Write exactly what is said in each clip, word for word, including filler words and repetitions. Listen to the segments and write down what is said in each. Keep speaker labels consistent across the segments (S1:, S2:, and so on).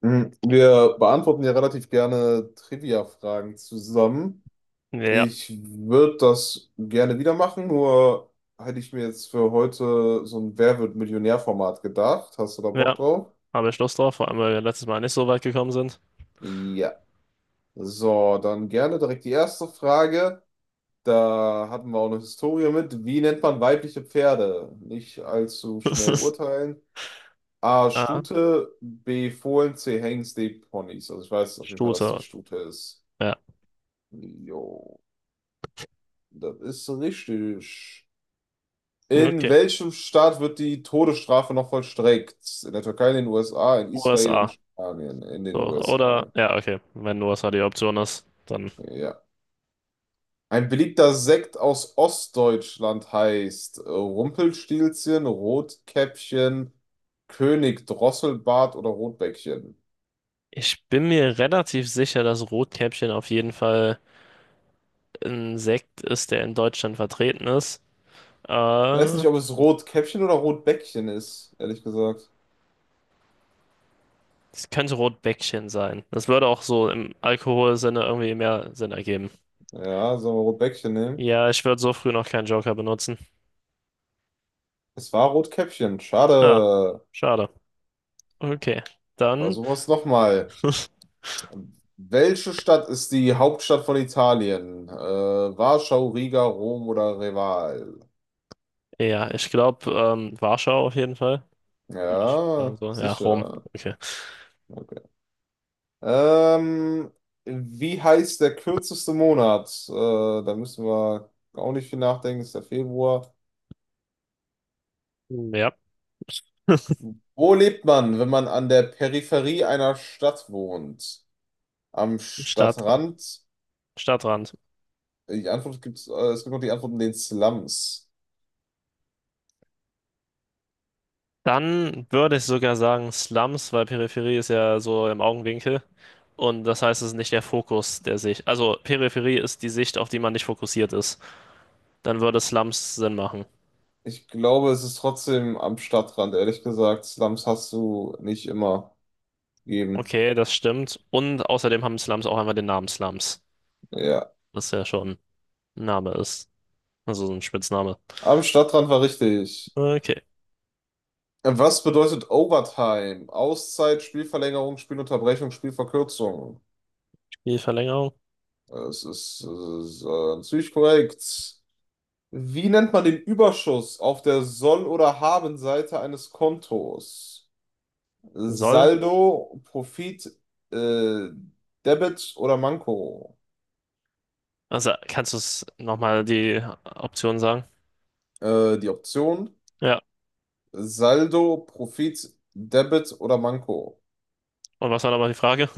S1: Mhm. Wir beantworten ja relativ gerne Trivia-Fragen zusammen.
S2: Ja,
S1: Ich würde das gerne wieder machen, nur hätte ich mir jetzt für heute so ein Wer wird Millionär-Format gedacht. Hast du da Bock
S2: ja.
S1: drauf?
S2: Habe ich Lust drauf, vor allem weil wir letztes Mal nicht so weit gekommen sind.
S1: Ja. So, dann gerne direkt die erste Frage. Da hatten wir auch eine Historie mit. Wie nennt man weibliche Pferde? Nicht allzu schnell urteilen. A.
S2: Ah,
S1: Stute, B. Fohlen, C. Hengst, D. Ponys. Also ich weiß auf jeden Fall, dass die
S2: Shooter.
S1: Stute ist.
S2: Ja.
S1: Jo. Das ist richtig. In
S2: Okay.
S1: welchem Staat wird die Todesstrafe noch vollstreckt? In der Türkei, in den U S A, in Israel, in
S2: U S A.
S1: Spanien, in den
S2: So. Oder,
S1: U S A.
S2: ja, okay. Wenn U S A die Option ist, dann.
S1: Ja. Ein beliebter Sekt aus Ostdeutschland heißt äh, Rumpelstilzchen, Rotkäppchen, König Drosselbart oder Rotbäckchen.
S2: Ich bin mir relativ sicher, dass Rotkäppchen auf jeden Fall ein Sekt ist, der in Deutschland vertreten ist.
S1: Ich weiß
S2: Äh,
S1: nicht, ob es Rotkäppchen oder Rotbäckchen ist, ehrlich gesagt.
S2: Es könnte Rotbäckchen sein. Das würde auch so im Alkoholsinne irgendwie mehr Sinn ergeben.
S1: Ja, sollen wir Rotbäckchen nehmen?
S2: Ja, ich würde so früh noch keinen Joker benutzen.
S1: Es war Rotkäppchen.
S2: Ah,
S1: Schade.
S2: schade. Okay. Dann.
S1: Versuchen wir es nochmal. Welche Stadt ist die Hauptstadt von Italien? Äh, Warschau, Riga, Rom oder Reval?
S2: Ja, ich glaube, ähm, Warschau auf jeden Fall. Würde ich sagen
S1: Ja,
S2: so. Ja, Rom.
S1: sicher.
S2: Okay.
S1: Okay. Ähm, wie heißt der kürzeste Monat? Äh, da müssen wir auch nicht viel nachdenken, ist der Februar.
S2: Ja.
S1: Wo lebt man, wenn man an der Peripherie einer Stadt wohnt? Am
S2: Stadt,
S1: Stadtrand?
S2: Stadtrand.
S1: Die Antwort gibt's, äh, es gibt noch die Antwort in den Slums.
S2: Dann würde ich sogar sagen Slums, weil Peripherie ist ja so im Augenwinkel. Und das heißt, es ist nicht der Fokus der Sicht. Also Peripherie ist die Sicht, auf die man nicht fokussiert ist. Dann würde Slums Sinn machen.
S1: Ich glaube, es ist trotzdem am Stadtrand, ehrlich gesagt. Slums hast du nicht immer gegeben.
S2: Okay, das stimmt. Und außerdem haben Slums auch einfach den Namen Slums.
S1: Ja,
S2: Was ja schon ein Name ist. Also so ein Spitzname.
S1: am Stadtrand war richtig.
S2: Okay.
S1: Was bedeutet Overtime? Auszeit, Spielverlängerung, Spielunterbrechung, Spielverkürzung.
S2: Die Verlängerung.
S1: Es ist, es ist äh, ziemlich korrekt. Wie nennt man den Überschuss auf der Soll- oder Habenseite eines Kontos?
S2: Soll
S1: Saldo, Profit, äh, Debit oder Manko?
S2: Also kannst du es nochmal die Option sagen?
S1: Äh, die Option.
S2: Ja.
S1: Saldo, Profit, Debit oder Manko.
S2: Und was war nochmal die Frage?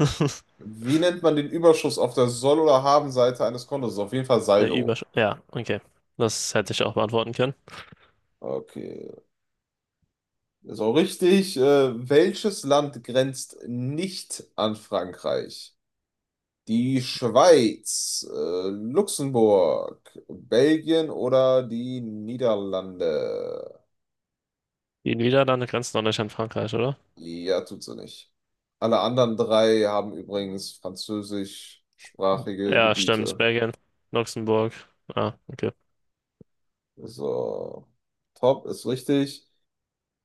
S1: Wie nennt man den Überschuss auf der Soll- oder Haben-Seite eines Kontos? Auf jeden Fall
S2: Der
S1: Saldo.
S2: Übersch... Ja, okay. Das hätte ich auch beantworten können.
S1: Okay, ist auch richtig. Äh, welches Land grenzt nicht an Frankreich? Die Schweiz, äh, Luxemburg, Belgien oder die Niederlande?
S2: Die Niederlande grenzen doch nicht an Frankreich, oder?
S1: Ja, tut sie nicht. Alle anderen drei haben übrigens französischsprachige
S2: Ja, stimmt.
S1: Gebiete.
S2: Belgien, Luxemburg. Ah, okay.
S1: So, top ist richtig.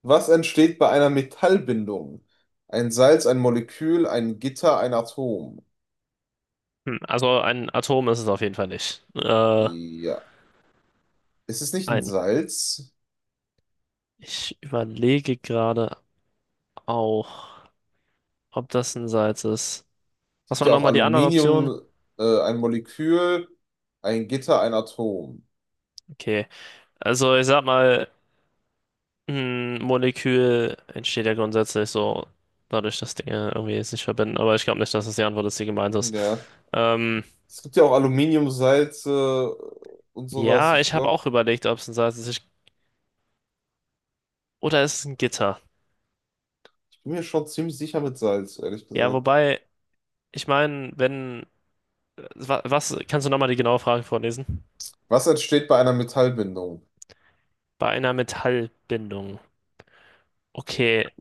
S1: Was entsteht bei einer Metallbindung? Ein Salz, ein Molekül, ein Gitter, ein Atom.
S2: Hm, also ein Atom ist es auf jeden Fall nicht. Äh,
S1: Ja, ist es nicht ein
S2: ein.
S1: Salz?
S2: Ich überlege gerade auch, ob das ein Salz ist.
S1: Es
S2: Was
S1: gibt
S2: waren
S1: ja auch
S2: nochmal die anderen Optionen?
S1: Aluminium, äh, ein Molekül, ein Gitter, ein Atom.
S2: Okay. Also ich sag mal, ein Molekül entsteht ja grundsätzlich so dadurch, dass Dinge irgendwie sich verbinden, aber ich glaube nicht, dass das die Antwort ist, die gemeint ist.
S1: Ja,
S2: Ähm,
S1: es gibt ja auch Aluminiumsalze und sowas.
S2: ja,
S1: Ich
S2: ich habe
S1: glaube,
S2: auch überlegt, ob es ein Salz ist. Ich, oder ist es ein Gitter?
S1: ich bin mir schon ziemlich sicher mit Salz, ehrlich
S2: Ja,
S1: gesagt.
S2: wobei, ich meine, wenn. Wa- was, kannst du nochmal die genaue Frage vorlesen?
S1: Was entsteht bei einer Metallbindung?
S2: Bei einer Metallbindung. Okay,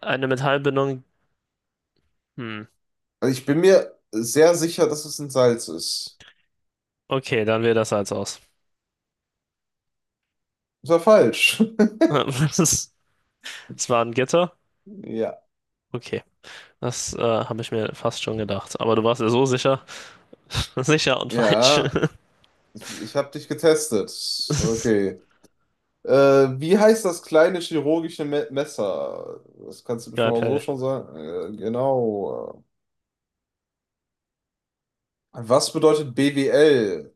S2: eine Metallbindung. Hm.
S1: Also ich bin mir sehr sicher, dass es ein Salz ist.
S2: Okay, dann wäre das Salz aus.
S1: Das war falsch.
S2: Das ist, Es war ein Gitter?
S1: Ja,
S2: Okay, das äh, habe ich mir fast schon gedacht. Aber du warst ja so sicher. Sicher und falsch.
S1: ja, ich ich habe dich getestet. Okay. Äh, wie heißt das kleine chirurgische Me Messer? Das kannst du bestimmt auch
S2: Skalpell,
S1: so schon sagen. Äh, genau. Was bedeutet B W L?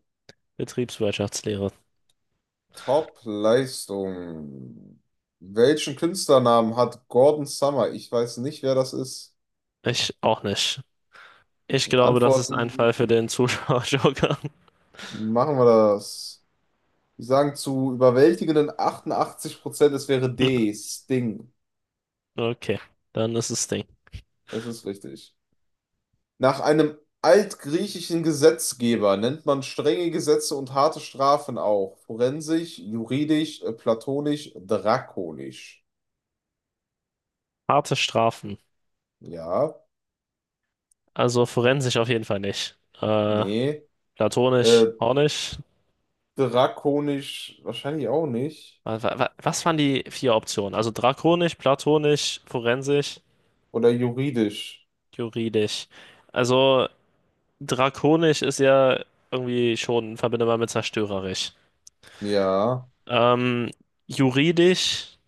S2: Betriebswirtschaftslehre.
S1: Top-Leistung. Welchen Künstlernamen hat Gordon Summer? Ich weiß nicht, wer das ist.
S2: Ich auch nicht. Ich glaube, das ist ein
S1: Antworten
S2: Fall für den Zuschauer-Joker.
S1: machen wir das. Wir sagen zu überwältigenden achtundachtzig Prozent, es wäre D, Sting.
S2: Okay, dann ist es Ding.
S1: Es ist richtig. Nach einem altgriechischen Gesetzgeber nennt man strenge Gesetze und harte Strafen auch. Forensisch, juridisch, äh, platonisch, drakonisch.
S2: Harte Strafen.
S1: Ja,
S2: Also forensisch auf jeden Fall nicht. Äh,
S1: nee.
S2: platonisch
S1: Äh,
S2: auch nicht.
S1: drakonisch wahrscheinlich auch nicht.
S2: Wa- wa- wa- Was waren die vier Optionen? Also drakonisch, platonisch, forensisch,
S1: Oder juridisch.
S2: juridisch. Also drakonisch ist ja irgendwie schon verbindbar mit zerstörerisch.
S1: Ja,
S2: Ähm, Juridisch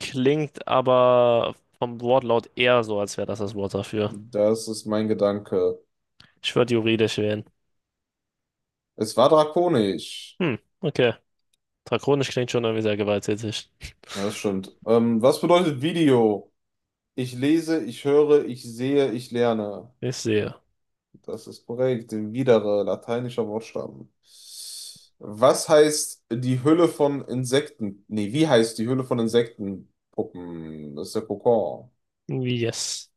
S2: klingt aber vom Wortlaut eher so, als wäre das das Wort dafür.
S1: das ist mein Gedanke.
S2: Ich würde juridisch wählen.
S1: Es war drakonisch.
S2: Hm, okay. Drakonisch klingt schon irgendwie sehr gewalttätig.
S1: Ja, das stimmt. Ähm, was bedeutet Video? Ich lese, ich höre, ich sehe, ich lerne.
S2: Ich sehe.
S1: Das ist korrekt. Widere, lateinischer Wortstamm. Was heißt die Hülle von Insekten? Nee, wie heißt die Hülle von Insektenpuppen? Das ist der Kokon.
S2: Yes.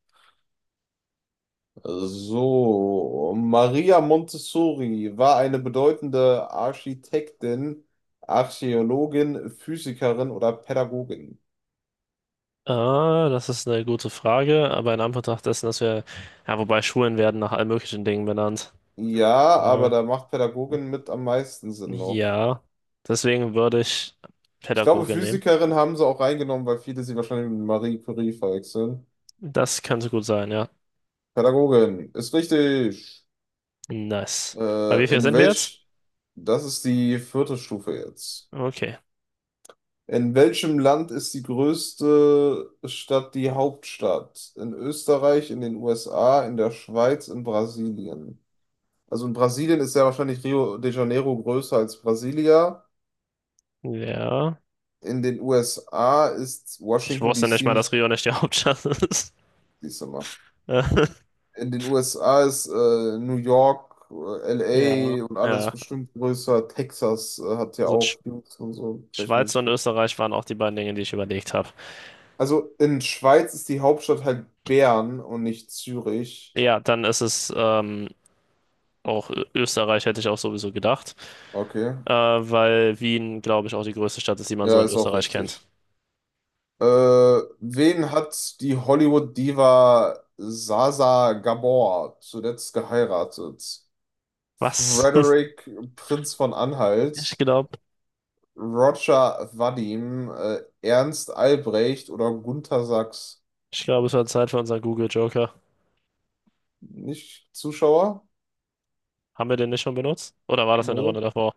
S1: So, Maria Montessori war eine bedeutende Architektin, Archäologin, Physikerin oder Pädagogin.
S2: Ah, das ist eine gute Frage, aber in Anbetracht dessen, dass wir, ja, wobei Schulen werden nach allen möglichen Dingen benannt.
S1: Ja, aber
S2: Ah,
S1: da macht Pädagogin mit am meisten Sinn noch.
S2: ja, deswegen würde ich
S1: Ich glaube,
S2: Pädagoge nehmen.
S1: Physikerin haben sie auch reingenommen, weil viele sie wahrscheinlich mit Marie Curie verwechseln.
S2: Das könnte gut sein, ja.
S1: Pädagogin, ist richtig.
S2: Nice. Bei wie
S1: Äh,
S2: viel
S1: in
S2: sind wir jetzt?
S1: welch, das ist die vierte Stufe jetzt.
S2: Okay.
S1: In welchem Land ist die größte Stadt die Hauptstadt? In Österreich, in den U S A, in der Schweiz, in Brasilien. Also in Brasilien ist ja wahrscheinlich Rio de Janeiro größer als Brasilia.
S2: Ja.
S1: In den U S A ist
S2: Ich
S1: Washington
S2: wusste nicht mal,
S1: D C,
S2: dass Rio nicht die Hauptstadt ist.
S1: siehst du mal. In den U S A ist äh, New York, äh,
S2: Ja,
S1: L A und alles
S2: ja.
S1: bestimmt größer. Texas äh, hat ja
S2: Also
S1: auch
S2: Sch
S1: Dudes und so, vielleicht muss
S2: Schweiz
S1: ich
S2: und
S1: gut.
S2: Österreich waren auch die beiden Dinge, die ich überlegt habe.
S1: Also in Schweiz ist die Hauptstadt halt Bern und nicht Zürich.
S2: Ja, dann ist es ähm, auch Ö- Österreich, hätte ich auch sowieso gedacht.
S1: Okay,
S2: Äh, weil Wien, glaube ich, auch die größte Stadt ist, die man so
S1: ja,
S2: in
S1: ist auch
S2: Österreich kennt.
S1: richtig. Äh, wen hat die Hollywood-Diva Sasa Gabor zuletzt geheiratet?
S2: Was?
S1: Frederick, Prinz von
S2: Ich
S1: Anhalt,
S2: glaube,
S1: Roger Vadim, äh, Ernst Albrecht oder Gunter Sachs.
S2: ich glaube, es war Zeit für unseren Google Joker.
S1: Nicht Zuschauer?
S2: Haben wir den nicht schon benutzt? Oder war das in der
S1: Nö,
S2: Runde davor?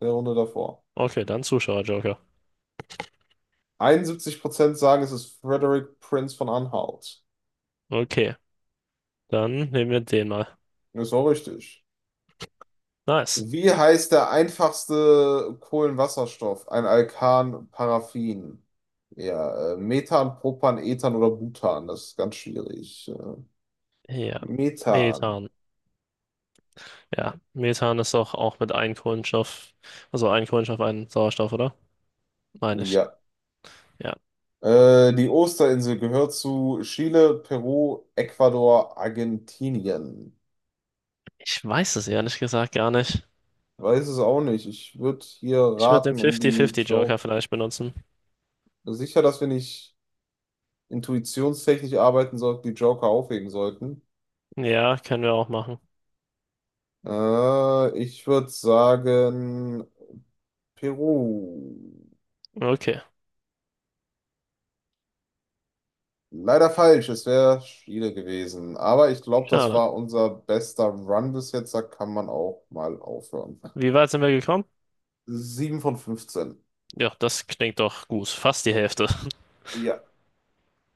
S1: der Runde davor.
S2: Okay, dann Zuschauer Joker.
S1: einundsiebzig Prozent sagen, es ist Frederick Prinz von Anhalt.
S2: Okay, dann nehmen wir den mal.
S1: Ja, ist auch richtig.
S2: Nice.
S1: Wie heißt der einfachste Kohlenwasserstoff? Ein Alkan, Paraffin. Ja, äh, Methan, Propan, Ethan oder Butan. Das ist ganz schwierig. Äh,
S2: Ja.
S1: Methan.
S2: Methan. Ja, Methan ist doch auch mit einem Kohlenstoff, also ein Kohlenstoff, ein Sauerstoff, oder? Meine ich.
S1: Ja,
S2: Ja.
S1: Äh, die Osterinsel gehört zu Chile, Peru, Ecuador, Argentinien.
S2: Ich weiß es ehrlich gesagt gar nicht.
S1: Weiß es auch nicht. Ich würde hier
S2: Ich würde den
S1: raten, um die
S2: fünfzig fünfzig-Joker
S1: Joker.
S2: vielleicht benutzen.
S1: Sicher, dass wir nicht intuitionstechnisch arbeiten sollten, die Joker aufheben sollten.
S2: Ja, können wir auch machen.
S1: Äh, ich würde sagen, Peru.
S2: Okay,
S1: Leider falsch, es wäre Chile gewesen. Aber ich glaube, das
S2: schade.
S1: war unser bester Run bis jetzt. Da kann man auch mal aufhören.
S2: Wie weit sind wir gekommen?
S1: Sieben von fünfzehn.
S2: Ja, das klingt doch gut. Fast die Hälfte.
S1: Ja.